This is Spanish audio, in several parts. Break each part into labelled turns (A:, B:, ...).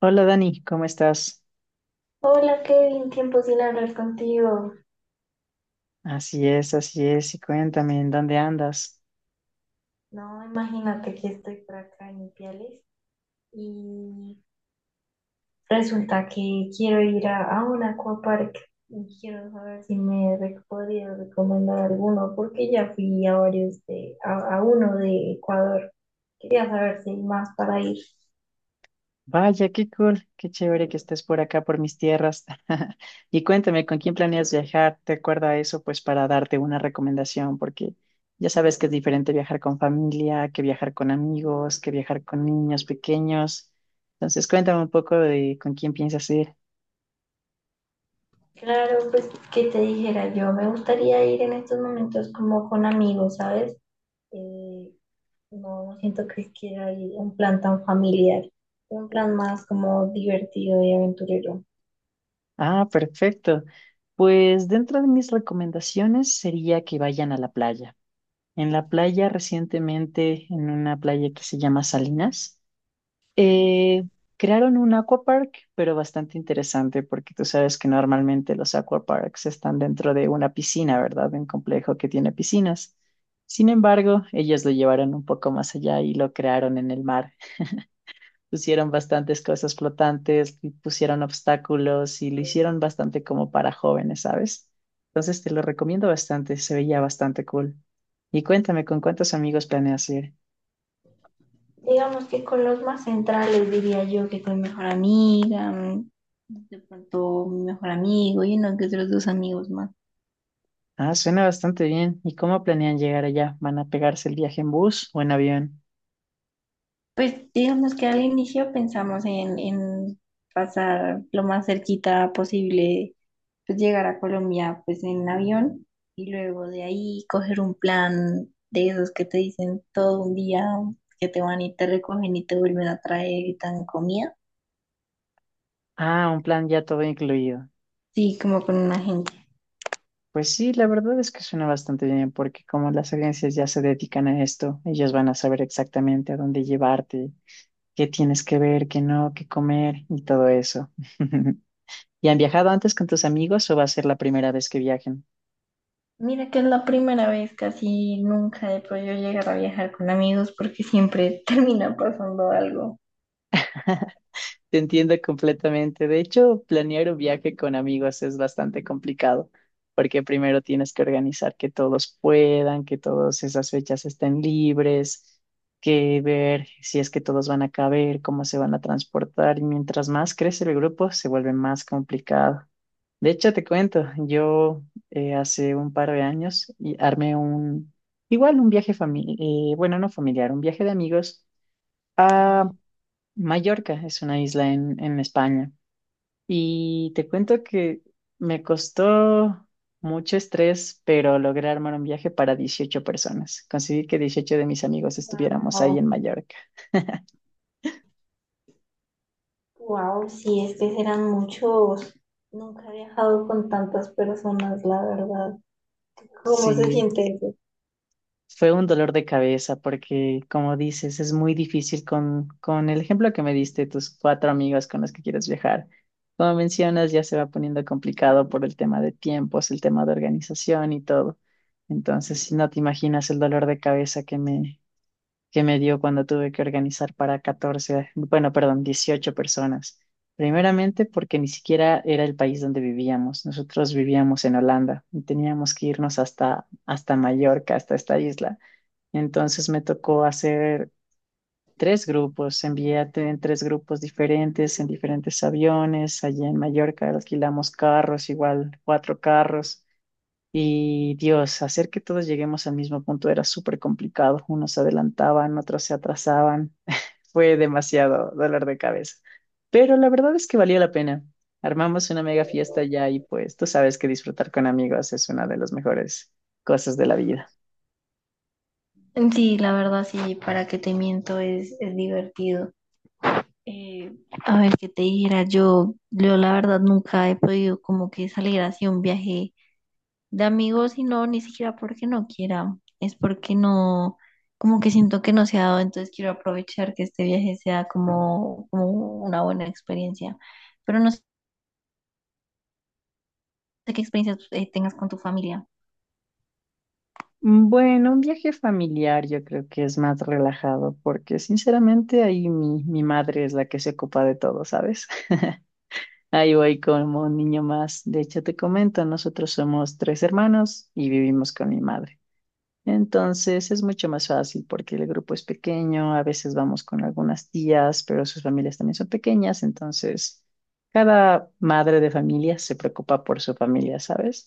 A: Hola Dani, ¿cómo estás?
B: Hola Kevin, tiempo sin hablar contigo.
A: Así es, y cuéntame, ¿en dónde andas?
B: No, imagínate que estoy por acá en Ipiales y resulta que quiero ir a un aquapark y quiero saber si podrías recomendar alguno porque ya fui a varios a uno de Ecuador. Quería saber si hay más para ir.
A: Vaya, qué cool, qué chévere que estés por acá, por mis tierras. Y cuéntame, ¿con quién planeas viajar? ¿Te acuerdas eso? Pues para darte una recomendación, porque ya sabes que es diferente viajar con familia, que viajar con amigos, que viajar con niños pequeños. Entonces, cuéntame un poco de con quién piensas ir.
B: Claro, pues que te dijera yo, me gustaría ir en estos momentos como con amigos, ¿sabes? Eh, No, siento que es que hay un plan tan familiar, un plan más como divertido y aventurero.
A: Ah, perfecto. Pues dentro de mis recomendaciones sería que vayan a la playa. En la playa recientemente, en una playa que se llama Salinas, eh, crearon un aquapark, pero bastante interesante porque tú sabes que normalmente los aquaparks están dentro de una piscina, ¿verdad? De un complejo que tiene piscinas. Sin embargo, ellos lo llevaron un poco más allá y lo crearon en el mar. Pusieron bastantes cosas flotantes, y pusieron obstáculos y lo hicieron bastante como para jóvenes, ¿sabes? Entonces te lo recomiendo bastante, se veía bastante cool. Y cuéntame, ¿con cuántos amigos planeas ir?
B: Digamos que con los más centrales diría yo que con mi mejor amiga, mm, de pronto mi mejor amigo y uno que otros dos amigos más.
A: Ah, suena bastante bien. ¿Y cómo planean llegar allá? ¿Van a pegarse el viaje en bus o en avión?
B: Pues digamos que al inicio pensamos en pasar lo más cerquita posible, pues llegar a Colombia pues en avión y luego de ahí coger un plan de esos que te dicen todo un día que te van y te recogen y te vuelven a traer y te dan comida.
A: Ah, un plan ya todo incluido.
B: Sí, como con una gente.
A: Pues sí, la verdad es que suena bastante bien, porque como las agencias ya se dedican a esto, ellos van a saber exactamente a dónde llevarte, qué tienes que ver, qué no, qué comer y todo eso. ¿Y han viajado antes con tus amigos o va a ser la primera vez que viajen?
B: Mira que es la primera vez, casi nunca he podido llegar a viajar con amigos porque siempre termina pasando algo.
A: Te entiendo completamente. De hecho, planear un viaje con amigos es bastante complicado, porque primero tienes que organizar que todos puedan, que todas esas fechas estén libres, que ver si es que todos van a caber, cómo se van a transportar, y mientras más crece el grupo, se vuelve más complicado. De hecho, te cuento, yo hace un par de años y armé igual un viaje familiar, bueno, no familiar, un viaje de amigos a Mallorca, es una isla en España. Y te cuento que me costó mucho estrés, pero logré armar un viaje para 18 personas. Conseguí que 18 de mis amigos estuviéramos ahí en Mallorca.
B: Wow, sí, es que serán muchos. Nunca he viajado con tantas personas, la verdad. ¿Cómo se
A: Sí,
B: siente eso?
A: fue un dolor de cabeza porque, como dices, es muy difícil con el ejemplo que me diste, tus cuatro amigos con los que quieres viajar. Como mencionas, ya se va poniendo complicado por el tema de tiempos, el tema de organización y todo. Entonces, si no te imaginas el dolor de cabeza que me dio cuando tuve que organizar para 14, bueno, perdón, 18 personas. Primeramente porque ni siquiera era el país donde vivíamos. Nosotros vivíamos en Holanda y teníamos que irnos hasta Mallorca, hasta esta isla. Entonces me tocó hacer tres grupos, envié en tres grupos diferentes, en diferentes aviones. Allí en Mallorca alquilamos carros, igual cuatro carros. Y Dios, hacer que todos lleguemos al mismo punto era súper complicado. Unos se adelantaban, otros se atrasaban. Fue demasiado dolor de cabeza. Pero la verdad es que valía la pena. Armamos una mega fiesta allá y pues tú sabes que disfrutar con amigos es una de las mejores cosas de la vida.
B: Sí, la verdad sí, para que te miento es divertido. Eh, a ver, qué te dijera yo, yo la verdad nunca he podido como que salir así a un viaje de amigos y no, ni siquiera porque no quiera, es porque no, como que siento que no se ha dado, entonces quiero aprovechar que este viaje sea como, como una buena experiencia. Pero no de qué experiencias tengas con tu familia.
A: Bueno, un viaje familiar yo creo que es más relajado porque sinceramente ahí mi madre es la que se ocupa de todo, ¿sabes? Ahí voy como un niño más. De hecho, te comento, nosotros somos tres hermanos y vivimos con mi madre. Entonces es mucho más fácil porque el grupo es pequeño, a veces vamos con algunas tías, pero sus familias también son pequeñas, entonces cada madre de familia se preocupa por su familia, ¿sabes?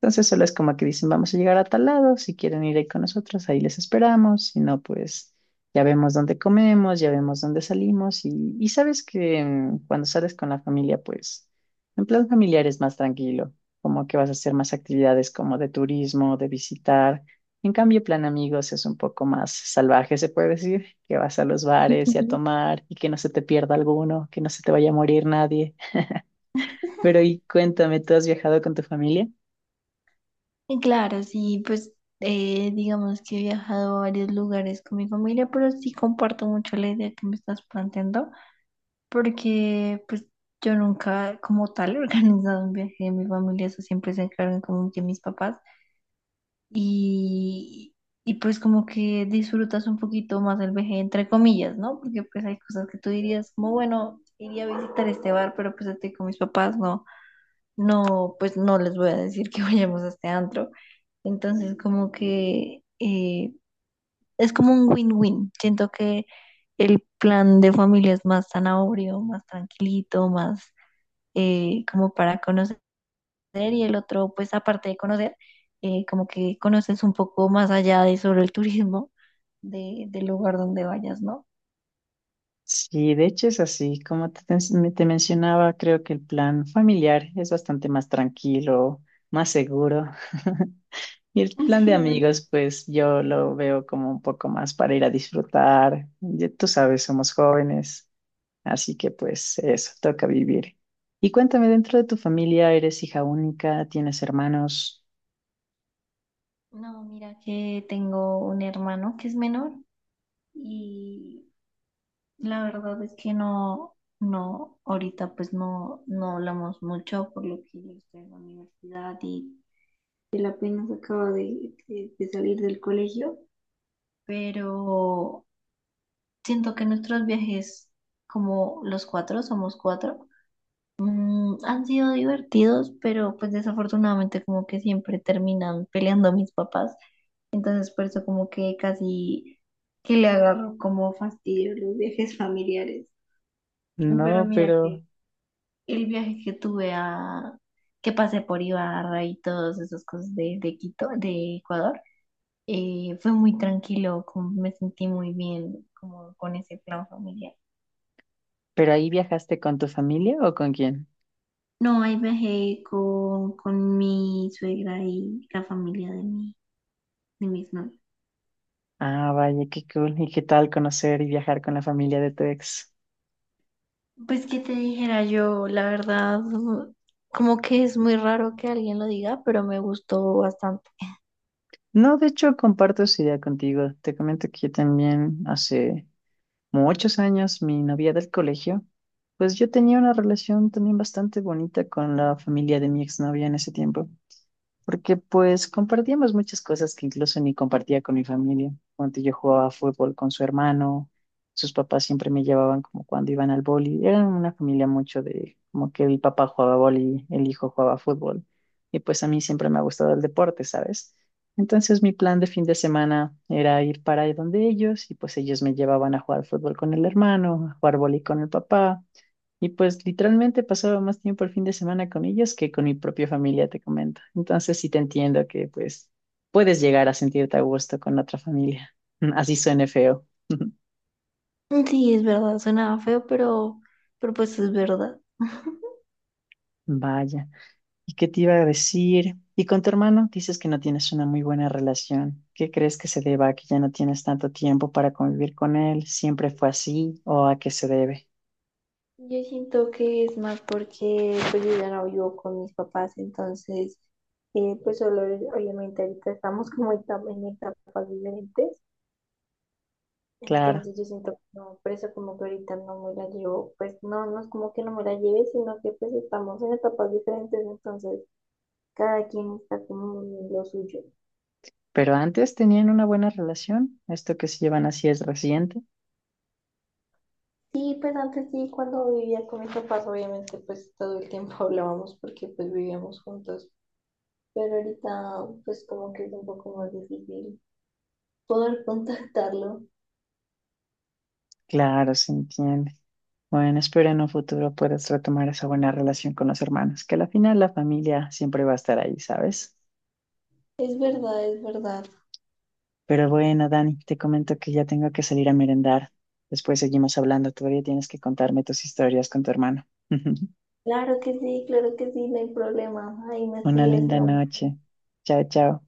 A: Entonces solo es como que dicen, vamos a llegar a tal lado, si quieren ir ahí con nosotros, ahí les esperamos, si no, pues ya vemos dónde comemos, ya vemos dónde salimos y sabes que cuando sales con la familia, pues en plan familiar es más tranquilo, como que vas a hacer más actividades como de turismo, de visitar. En cambio, plan amigos es un poco más salvaje, se puede decir, que vas a los bares y a
B: Ujú.
A: tomar y que no se te pierda alguno, que no se te vaya a morir nadie. Pero y cuéntame, ¿tú has viajado con tu familia?
B: Y claro, sí, pues digamos que he viajado a varios lugares con mi familia, pero sí comparto mucho la idea que me estás planteando, porque pues yo nunca como tal he organizado un viaje de mi familia, eso siempre se encargan como que mis papás y, y pues como que disfrutas un poquito más el viaje entre comillas, ¿no? Porque pues hay cosas que tú dirías como, bueno, iría a visitar este bar, pero pues estoy con mis papás, ¿no? No, pues no les voy a decir que vayamos a este antro. Entonces, como que es como un win-win. Siento que el plan de familia es más zanahorio, más tranquilito, más como para conocer y el otro, pues aparte de conocer, como que conoces un poco más allá de sobre el turismo del lugar donde vayas, ¿no?
A: Sí, de hecho es así. Como te mencionaba, creo que el plan familiar es bastante más tranquilo, más seguro. Y el plan de
B: Sí, obvio.
A: amigos, pues yo lo veo como un poco más para ir a disfrutar. Ya tú sabes, somos jóvenes. Así que pues eso, toca vivir. Y cuéntame, dentro de tu familia, ¿eres hija única? ¿Tienes hermanos?
B: No, mira que tengo un hermano que es menor y la verdad es que no, no, ahorita pues no, no hablamos mucho por lo que yo estoy en la universidad y él apenas acaba de salir del colegio, pero siento que nuestros viajes, como los cuatro, somos cuatro, mm, han sido divertidos, pero pues desafortunadamente como que siempre terminan peleando mis papás, entonces por eso como que casi que le agarro como fastidio los viajes familiares. Pero
A: No,
B: mira
A: pero,
B: que el viaje que que pasé por Ibarra y todas esas cosas de Quito, de Ecuador, fue muy tranquilo, como me sentí muy bien como con ese plan familiar.
A: pero ahí viajaste con tu familia o con quién?
B: No, ahí viajé con mi suegra y la familia de mis novios.
A: Ah, vaya, qué cool. ¿Y qué tal conocer y viajar con la familia de tu ex?
B: Pues que te dijera yo, la verdad, como que es muy raro que alguien lo diga, pero me gustó bastante.
A: No, de hecho, comparto esa idea contigo. Te comento que yo también hace muchos años, mi novia del colegio, pues yo tenía una relación también bastante bonita con la familia de mi exnovia en ese tiempo. Porque pues compartíamos muchas cosas que incluso ni compartía con mi familia. Cuando yo jugaba fútbol con su hermano, sus papás siempre me llevaban como cuando iban al boli. Eran una familia mucho de como que el papá jugaba boli, el hijo jugaba fútbol. Y pues a mí siempre me ha gustado el deporte, ¿sabes? Entonces mi plan de fin de semana era ir para ahí donde ellos y pues ellos me llevaban a jugar fútbol con el hermano, a jugar boli con el papá. Y pues literalmente pasaba más tiempo el fin de semana con ellos que con mi propia familia, te comento. Entonces sí te entiendo que pues puedes llegar a sentirte a gusto con otra familia. Así suene feo.
B: Sí, es verdad, suena feo, pero pues es verdad.
A: Vaya. ¿Y qué te iba a decir? ¿Y con tu hermano? Dices que no tienes una muy buena relación. ¿Qué crees que se deba a que ya no tienes tanto tiempo para convivir con él? ¿Siempre fue así o a qué se debe?
B: Yo siento que es más porque pues yo ya no vivo con mis papás, entonces pues solo obviamente ahorita estamos como en etapas diferentes,
A: Claro.
B: entonces yo siento que no, por eso como que ahorita no me la llevo, pues no, no es como que no me la lleve, sino que pues estamos en etapas diferentes, entonces cada quien está como en lo suyo.
A: Pero antes tenían una buena relación. Esto que se llevan así es reciente.
B: Sí, pues antes sí, cuando vivía con mis papás, obviamente pues todo el tiempo hablábamos porque pues vivíamos juntos. Pero ahorita, pues como que es un poco más difícil poder contactarlo.
A: Claro, se entiende. Bueno, espero en un futuro puedas retomar esa buena relación con los hermanos, que al final la familia siempre va a estar ahí, ¿sabes?
B: Es verdad, es verdad.
A: Pero bueno, Dani, te comento que ya tengo que salir a merendar. Después seguimos hablando, todavía tienes que contarme tus historias con tu hermano.
B: Claro que sí, no hay problema. Ahí me
A: Una
B: escribes, mi
A: linda
B: amor.
A: noche. Chao, chao.